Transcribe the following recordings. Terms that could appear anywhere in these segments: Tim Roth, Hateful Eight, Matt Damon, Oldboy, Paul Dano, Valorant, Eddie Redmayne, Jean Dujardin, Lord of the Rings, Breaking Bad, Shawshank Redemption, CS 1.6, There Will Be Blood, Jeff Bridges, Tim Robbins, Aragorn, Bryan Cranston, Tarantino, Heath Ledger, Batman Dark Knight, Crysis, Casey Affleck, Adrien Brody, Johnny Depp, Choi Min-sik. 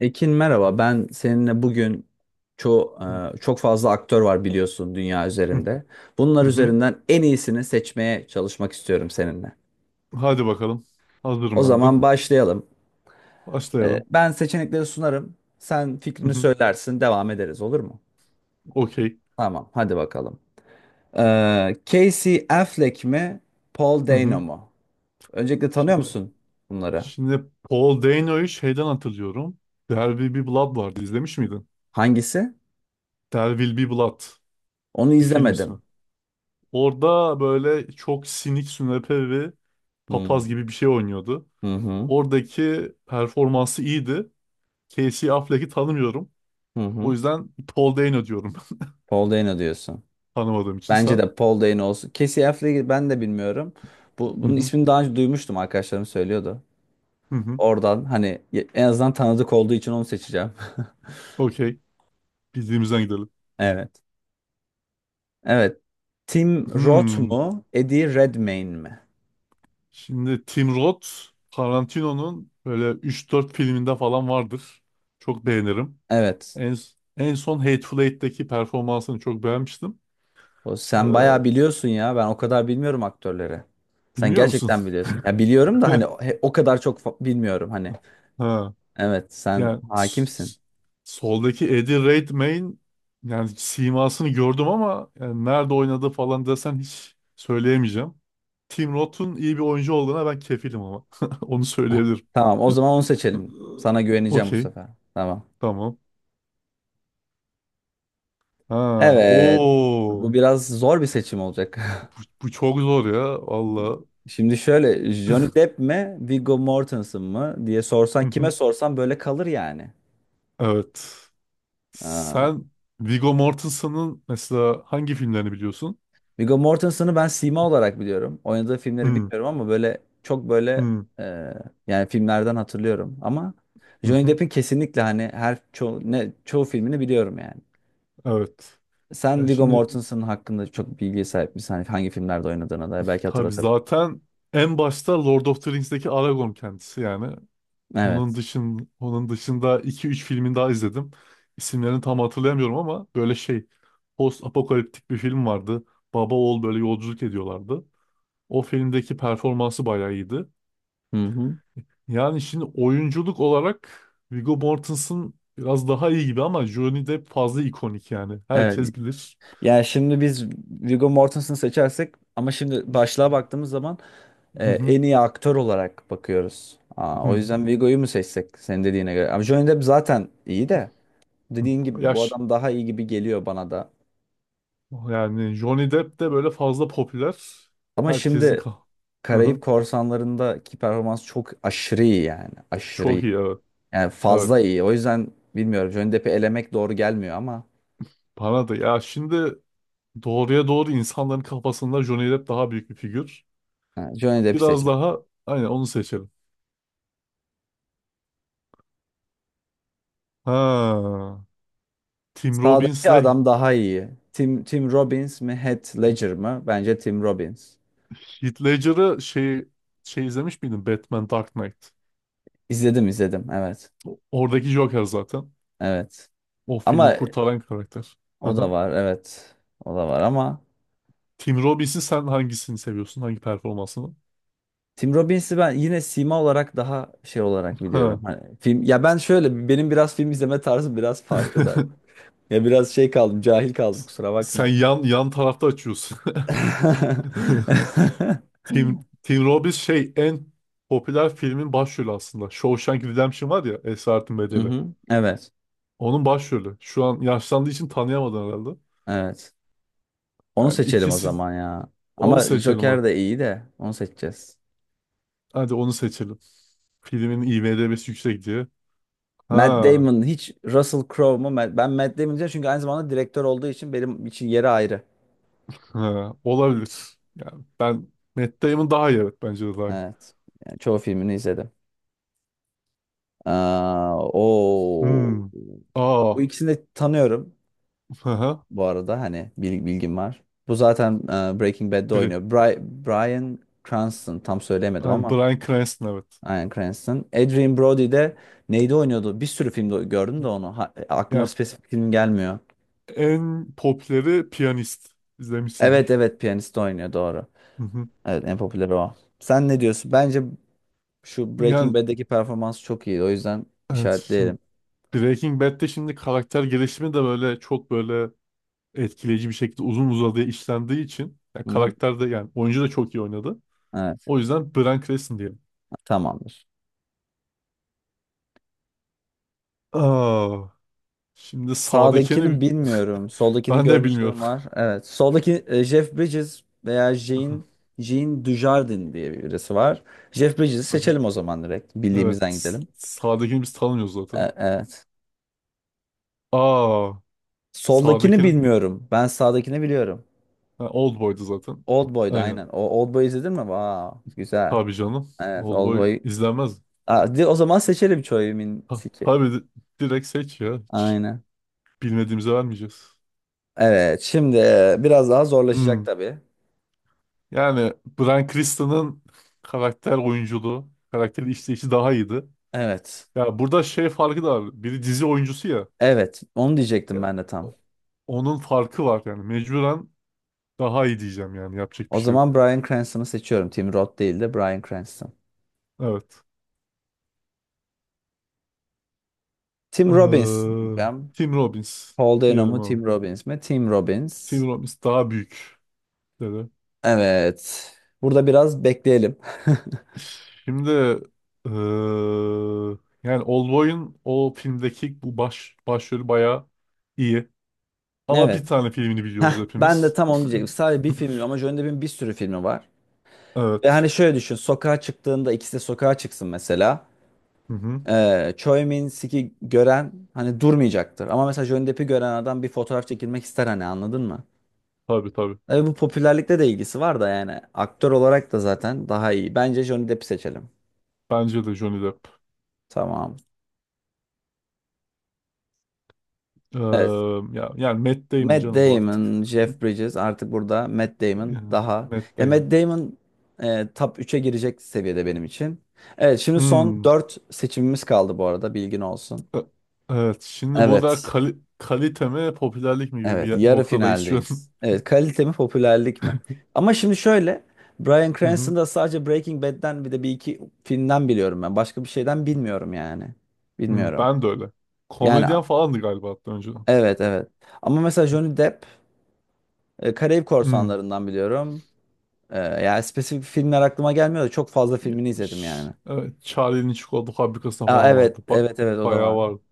Ekin merhaba. Ben seninle bugün çok Hı çok fazla aktör var biliyorsun dünya hı, üzerinde. hı Bunlar hı. üzerinden en iyisini seçmeye çalışmak istiyorum seninle. Hadi bakalım. O Hazırım ben de. zaman başlayalım. Başlayalım. Ben seçenekleri sunarım. Sen Hı fikrini hı. söylersin, devam ederiz olur mu? Okey. Tamam, hadi bakalım. Casey Affleck mi, Paul Hı Dano hı. mu? Öncelikle tanıyor Şimdi musun bunları? şimdi Paul Dano'yu şeyden hatırlıyorum. There Will Be Blood vardı. İzlemiş miydin? Hangisi? There Will Be Blood. Onu Bir film ismi. izlemedim. Orada böyle çok sinik sünepe ve papaz Hmm. gibi bir şey oynuyordu. Hı hı. Oradaki performansı iyiydi. Casey Affleck'i tanımıyorum. Hı O hı. yüzden Paul Dano diyorum. Paul Dano diyorsun. Tanımadığım için Bence sen. de Paul Dano olsun. Casey Affleck'i ben de bilmiyorum. Bu, Hı bunun hı. ismini daha önce duymuştum arkadaşlarım söylüyordu. Hı hı. Oradan hani en azından tanıdık olduğu için onu seçeceğim. Okey. Bildiğimizden gidelim. Evet. Evet. Tim Roth Hmm. mu? Eddie Redmayne mi? Şimdi Tim Roth Tarantino'nun böyle üç dört filminde falan vardır. Çok beğenirim. Evet. En, en son Hateful Eight'teki performansını çok beğenmiştim. O, Ee, sen bayağı biliyorsun ya. Ben o kadar bilmiyorum aktörleri. Sen bilmiyor musun? gerçekten biliyorsun. Ya biliyorum da hani o kadar bilmiyorum hani. Ha. Evet, sen Yani hakimsin. Soldaki Eddie Redmayne, yani simasını gördüm ama yani nerede oynadı falan desen hiç söyleyemeyeceğim. Tim Roth'un iyi bir oyuncu olduğuna ben kefilim ama. Onu söyleyebilirim. Tamam, o zaman onu seçelim. Sana güveneceğim bu Okey. sefer. Tamam. Tamam. Ha, Evet. Bu o biraz zor bir seçim olacak. Bu, bu çok zor ya valla. Şimdi şöyle Johnny Depp mi Viggo Mortensen mı diye Hı sorsan kime hı. sorsan böyle kalır yani. Evet. Aa, Sen Viggo Mortensen'ın mesela hangi filmlerini biliyorsun? Viggo Mortensen'ı ben sima olarak biliyorum. Oynadığı filmleri Hı bilmiyorum ama böyle çok böyle hı, e, yani filmlerden hatırlıyorum. Ama hı Johnny hı. Depp'in kesinlikle hani çoğu filmini biliyorum yani. Evet. Sen Ya Viggo şimdi Mortensen hakkında çok bilgiye sahip misin? Hani hangi filmlerde oynadığına dair belki tabii hatırlatabilirim. zaten en başta Lord of the Rings'teki Aragorn kendisi yani. Onun Evet. dışın onun dışında iki üç filmin daha izledim. İsimlerini tam hatırlayamıyorum ama böyle şey, post apokaliptik bir film vardı. Baba oğul böyle yolculuk ediyorlardı. O filmdeki performansı bayağı iyiydi. Hı hı. Yani şimdi oyunculuk olarak Viggo Mortensen biraz daha iyi gibi ama Johnny Depp fazla ikonik yani. Evet. Herkes bilir. Yani şimdi biz Viggo Mortensen'ı seçersek ama şimdi başlığa baktığımız zaman Hı hı, en iyi aktör olarak bakıyoruz. Hı O hı, yüzden Viggo'yu mu seçsek senin dediğine göre? Ama Johnny Depp zaten iyi de hı. dediğin gibi bu Yaş. adam daha iyi gibi geliyor bana da. Yani Johnny Depp de böyle fazla popüler. Ama Herkesin şimdi ka- Hı Karayip hı. Korsanları'ndaki performans çok aşırı iyi yani. Aşırı Çok iyi. iyi, evet. Yani Evet. fazla iyi. O yüzden bilmiyorum Johnny Depp'i elemek doğru gelmiyor ama Bana da. Ya şimdi doğruya doğru insanların kafasında Johnny Depp daha büyük bir figür. ha, Johnny Depp'i seç. Biraz daha, aynen, onu seçelim. Ha. Tim Sağdaki Robbins'le adam daha iyi. Tim Robbins mi, Heath Ledger mı? Bence Tim Robbins. Heath Ledger'ı şey, şey izlemiş miydin? Batman Dark Knight. İzledim izledim. Evet. Oradaki Joker zaten. Evet. O filmi Ama kurtaran karakter. o da Aha. var. Evet. O da var ama Tim Robbins'in sen hangisini seviyorsun? Hangi performansını? Tim Robbins'i ben yine sima olarak daha şey olarak biliyorum. Ha. Hani film ya ben şöyle benim biraz film izleme tarzım biraz farklı da. Ya biraz şey kaldım, cahil kaldım kusura Sen bakma. yan yan tarafta açıyorsun. Tim Robbins şey en popüler filmin başrolü aslında. Shawshank Redemption var ya, Esaretin Bedeli. Mhm. Evet. Onun başrolü. Şu an yaşlandığı için tanıyamadın herhalde. Evet. Onu Yani seçelim o ikisi zaman ya. onu Ama seçelim hadi. Joker de iyi de onu seçeceğiz. Hadi onu seçelim. Filmin IMDb'si yüksek diye. Matt Ha. Damon hiç Russell Crowe mu? Ben Matt Damon diyeceğim çünkü aynı zamanda direktör olduğu için benim için yeri ayrı. Ha, olabilir. Yani ben Matt Damon daha iyi, evet, bence de daha iyi. Evet. Yani çoğu filmini izledim. Aa, o Hmm. bu Aa. ikisini de tanıyorum Aha. bu arada hani bilgim var. Bu zaten Breaking Bad'de Biri. oynuyor. Bryan Cranston tam söyleyemedim Yani ama Bryan Cranston, evet. Bryan Cranston. Adrien Brody de neydi oynuyordu? Bir sürü filmde gördüm de onu. Aklıma Yani spesifik film gelmiyor. en popüleri piyanist. Evet İzlemişsindir. evet piyanist oynuyor doğru. Hı hı. Evet en popüler o. Sen ne diyorsun? Bence şu Breaking Yani Bad'deki performans çok iyi. O yüzden evet, şimdi işaretleyelim. Breaking Bad'de şimdi karakter gelişimi de böyle çok böyle etkileyici bir şekilde uzun uzadıya işlendiği için yani Hı hı. karakter de yani oyuncu da çok iyi oynadı. Evet O yüzden Bryan Cranston diyelim. tamamdır. Aa. Şimdi Sağdakini sağdakini bilmiyorum. Soldakini ben de bilmiyorum. görmüşlüğüm var. Evet. Soldaki Jeff Bridges veya Jean, Jean Dujardin diye birisi var. Jeff Bridges'i seçelim o zaman direkt. Evet. Bildiğimizden s- gidelim. Sağdakini biz tanımıyoruz zaten. Evet. Aa, sağdaki Soldakini ha, bilmiyorum. Ben sağdakini biliyorum. Old boydu zaten. Oldboy'da Aynen. aynen. O Oldboy izledin mi? Vaa güzel. Tabii canım, Evet old boy Oldboy. izlenmez. O zaman seçelim Choi Ha, Min-sik'i. tabii, direkt seç ya. Hiç Aynen. bilmediğimize vermeyeceğiz. Evet. Şimdi biraz daha zorlaşacak Hmm. tabii. Yani Bryan Cranston'ın karakter oyunculuğu, karakter işleyişi daha iyiydi. Evet. Ya burada şey farkı da var. Biri dizi oyuncusu ya. Evet. Onu diyecektim Ya ben de tam. o- onun farkı var yani. Mecburen daha iyi diyeceğim yani. Yapacak bir O şey zaman yok. Bryan Cranston'ı seçiyorum. Tim Roth değil de Bryan Cranston. Evet. Tim Robbins Eee, diyeceğim. Tim Robbins Paul Dano diyelim mu ama. Tim Robbins mi? Tim Robbins. Tim Robbins daha büyük dedi. Evet. Burada biraz bekleyelim. Şimdi eee, yani Oldboy'un o filmdeki bu baş başrolü bayağı iyi. Ama bir Evet. tane filmini Heh, biliyoruz ben de hepimiz. tam onu diyecektim. Sadece bir filmi ama Johnny Depp'in bir sürü filmi var. Ve Evet. hani şöyle düşün. Sokağa çıktığında ikisi de sokağa çıksın mesela. Hı hı. Choi Min-sik'i gören hani durmayacaktır. Ama mesela Johnny Depp'i gören adam bir fotoğraf çekilmek ister hani anladın mı? Tabii tabii. Tabii bu popülerlikte de ilgisi var da yani aktör olarak da zaten daha iyi. Bence Johnny Depp'i seçelim. Bence de Johnny Depp. Tamam. Evet. Eee, ya, yani Matt Damon Matt canım bu artık. Damon, Jeff Bridges artık burada Matt Damon Yani daha. Matt Ya Damon. Matt Damon top 3'e girecek seviyede benim için. Evet şimdi son Hmm. 4 seçimimiz kaldı bu arada bilgin olsun. E- Evet. Şimdi burada Evet. Kalite mi popülerlik mi gibi Evet, bir yarı noktadayız şu an. finaldeyiz. Evet, kalite mi, popülerlik mi? Hı Ama şimdi şöyle, Bryan hı. Cranston'da sadece Breaking Bad'den bir de bir iki filmden biliyorum ben. Başka bir şeyden bilmiyorum yani. Hı, Bilmiyorum. ben de öyle. Yani Komedyen falandı galiba hatta önceden. evet evet. Ama mesela Johnny Depp Karayip Hı. Korsanları'ndan biliyorum. Yani spesifik filmler aklıma gelmiyor da çok fazla filmini izledim Ş- yani. Evet, Charlie'nin çikolata fabrikasında Aa, falan vardı. evet evet evet o da Bayağı var. vardı.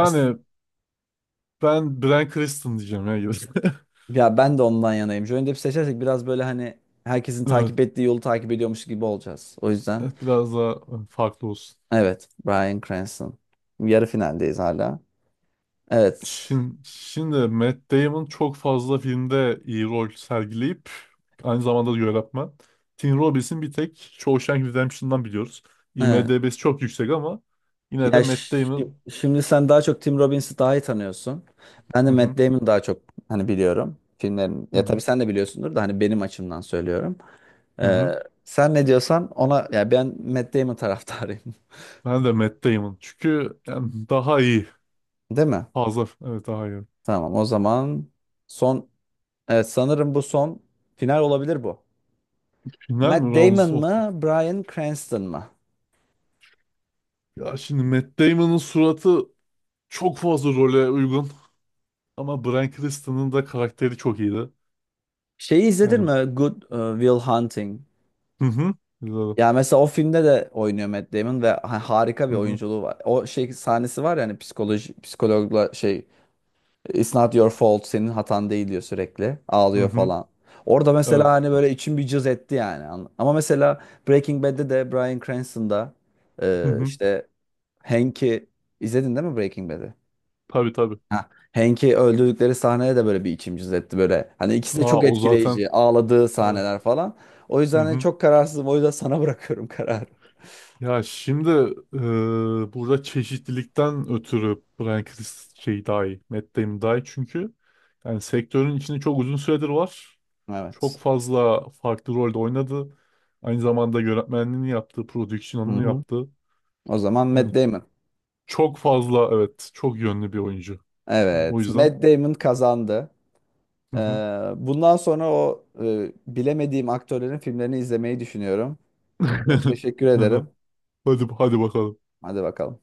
As- ben Bryan Cranston diyeceğim ya. Ya ben de ondan yanayım. Johnny Depp seçersek biraz böyle hani herkesin Evet, takip ettiği yolu takip ediyormuş gibi olacağız. O yüzden. evet, biraz daha, evet, farklı olsun. Evet, Bryan Cranston. Yarı finaldeyiz hala. Evet. Şimdi Matt Damon çok fazla filmde iyi rol sergileyip aynı zamanda da yönetmen. Tim Robbins'in bir tek Shawshank Redemption'dan biliyoruz. Evet. IMDb'si çok yüksek ama yine de Matt Damon. Şimdi sen daha çok Tim Robbins'i daha iyi tanıyorsun. Ben de Hı hı, Matt Damon'ı daha çok hani biliyorum. Filmlerin hı ya tabii hı, sen de biliyorsundur da hani benim açımdan söylüyorum. hı Ee, hı. Sen ne diyorsan ona ya ben Matt Damon taraftarıyım. Ben de Matt Damon. Çünkü yani daha iyi. Değil mi? Fazla. Evet, daha iyi. Tamam o zaman son evet sanırım bu son final olabilir bu. Final Matt mi? Damon Rounds of the- mı, Bryan Cranston mı? Ya şimdi Matt Damon'ın suratı çok fazla role uygun. Ama Bryan Cranston'ın da karakteri çok iyiydi. Şeyi izledin Yani mi? Good Will Hunting. hı hı. Güzel. Ya mesela o filmde de oynuyor Matt Damon ve harika bir Hı hı. oyunculuğu var. O şey sahnesi var ya hani psikoloji psikologla şey It's not your fault senin hatan değil diyor sürekli. Hı Ağlıyor hı. falan. Orada mesela Evet. hani böyle içim bir cız etti yani. Ama mesela Breaking Bad'de de Bryan Cranston'da Hı e, hı. işte Hank'i izledin değil mi Breaking Bad'i? Tabii tabii. Ha, Hank'i öldürdükleri sahnede de böyle bir içim cız etti böyle. Hani ikisi de Aa, çok o zaten. etkileyici. Ağladığı Evet. sahneler falan. O Hı yüzden hani hı. çok kararsızım. O yüzden sana bırakıyorum kararı. Ya şimdi burada çeşitlilikten ötürü Bryan Chris şey daha iyi. Matt Damon daha iyi çünkü yani sektörün içinde çok uzun süredir var. Çok Evet. fazla farklı rolde oynadı. Aynı zamanda yönetmenliğini yaptı, Hı prodüksiyonunu hı. yaptı. O zaman Matt Yani Damon. çok fazla, evet, çok yönlü bir oyuncu. Yani o Evet, yüzden. Matt Damon kazandı. Hı Ee, hı. Bundan sonra bilemediğim aktörlerin filmlerini izlemeyi düşünüyorum. Çok teşekkür ederim. Hadi bakalım. Hadi bakalım.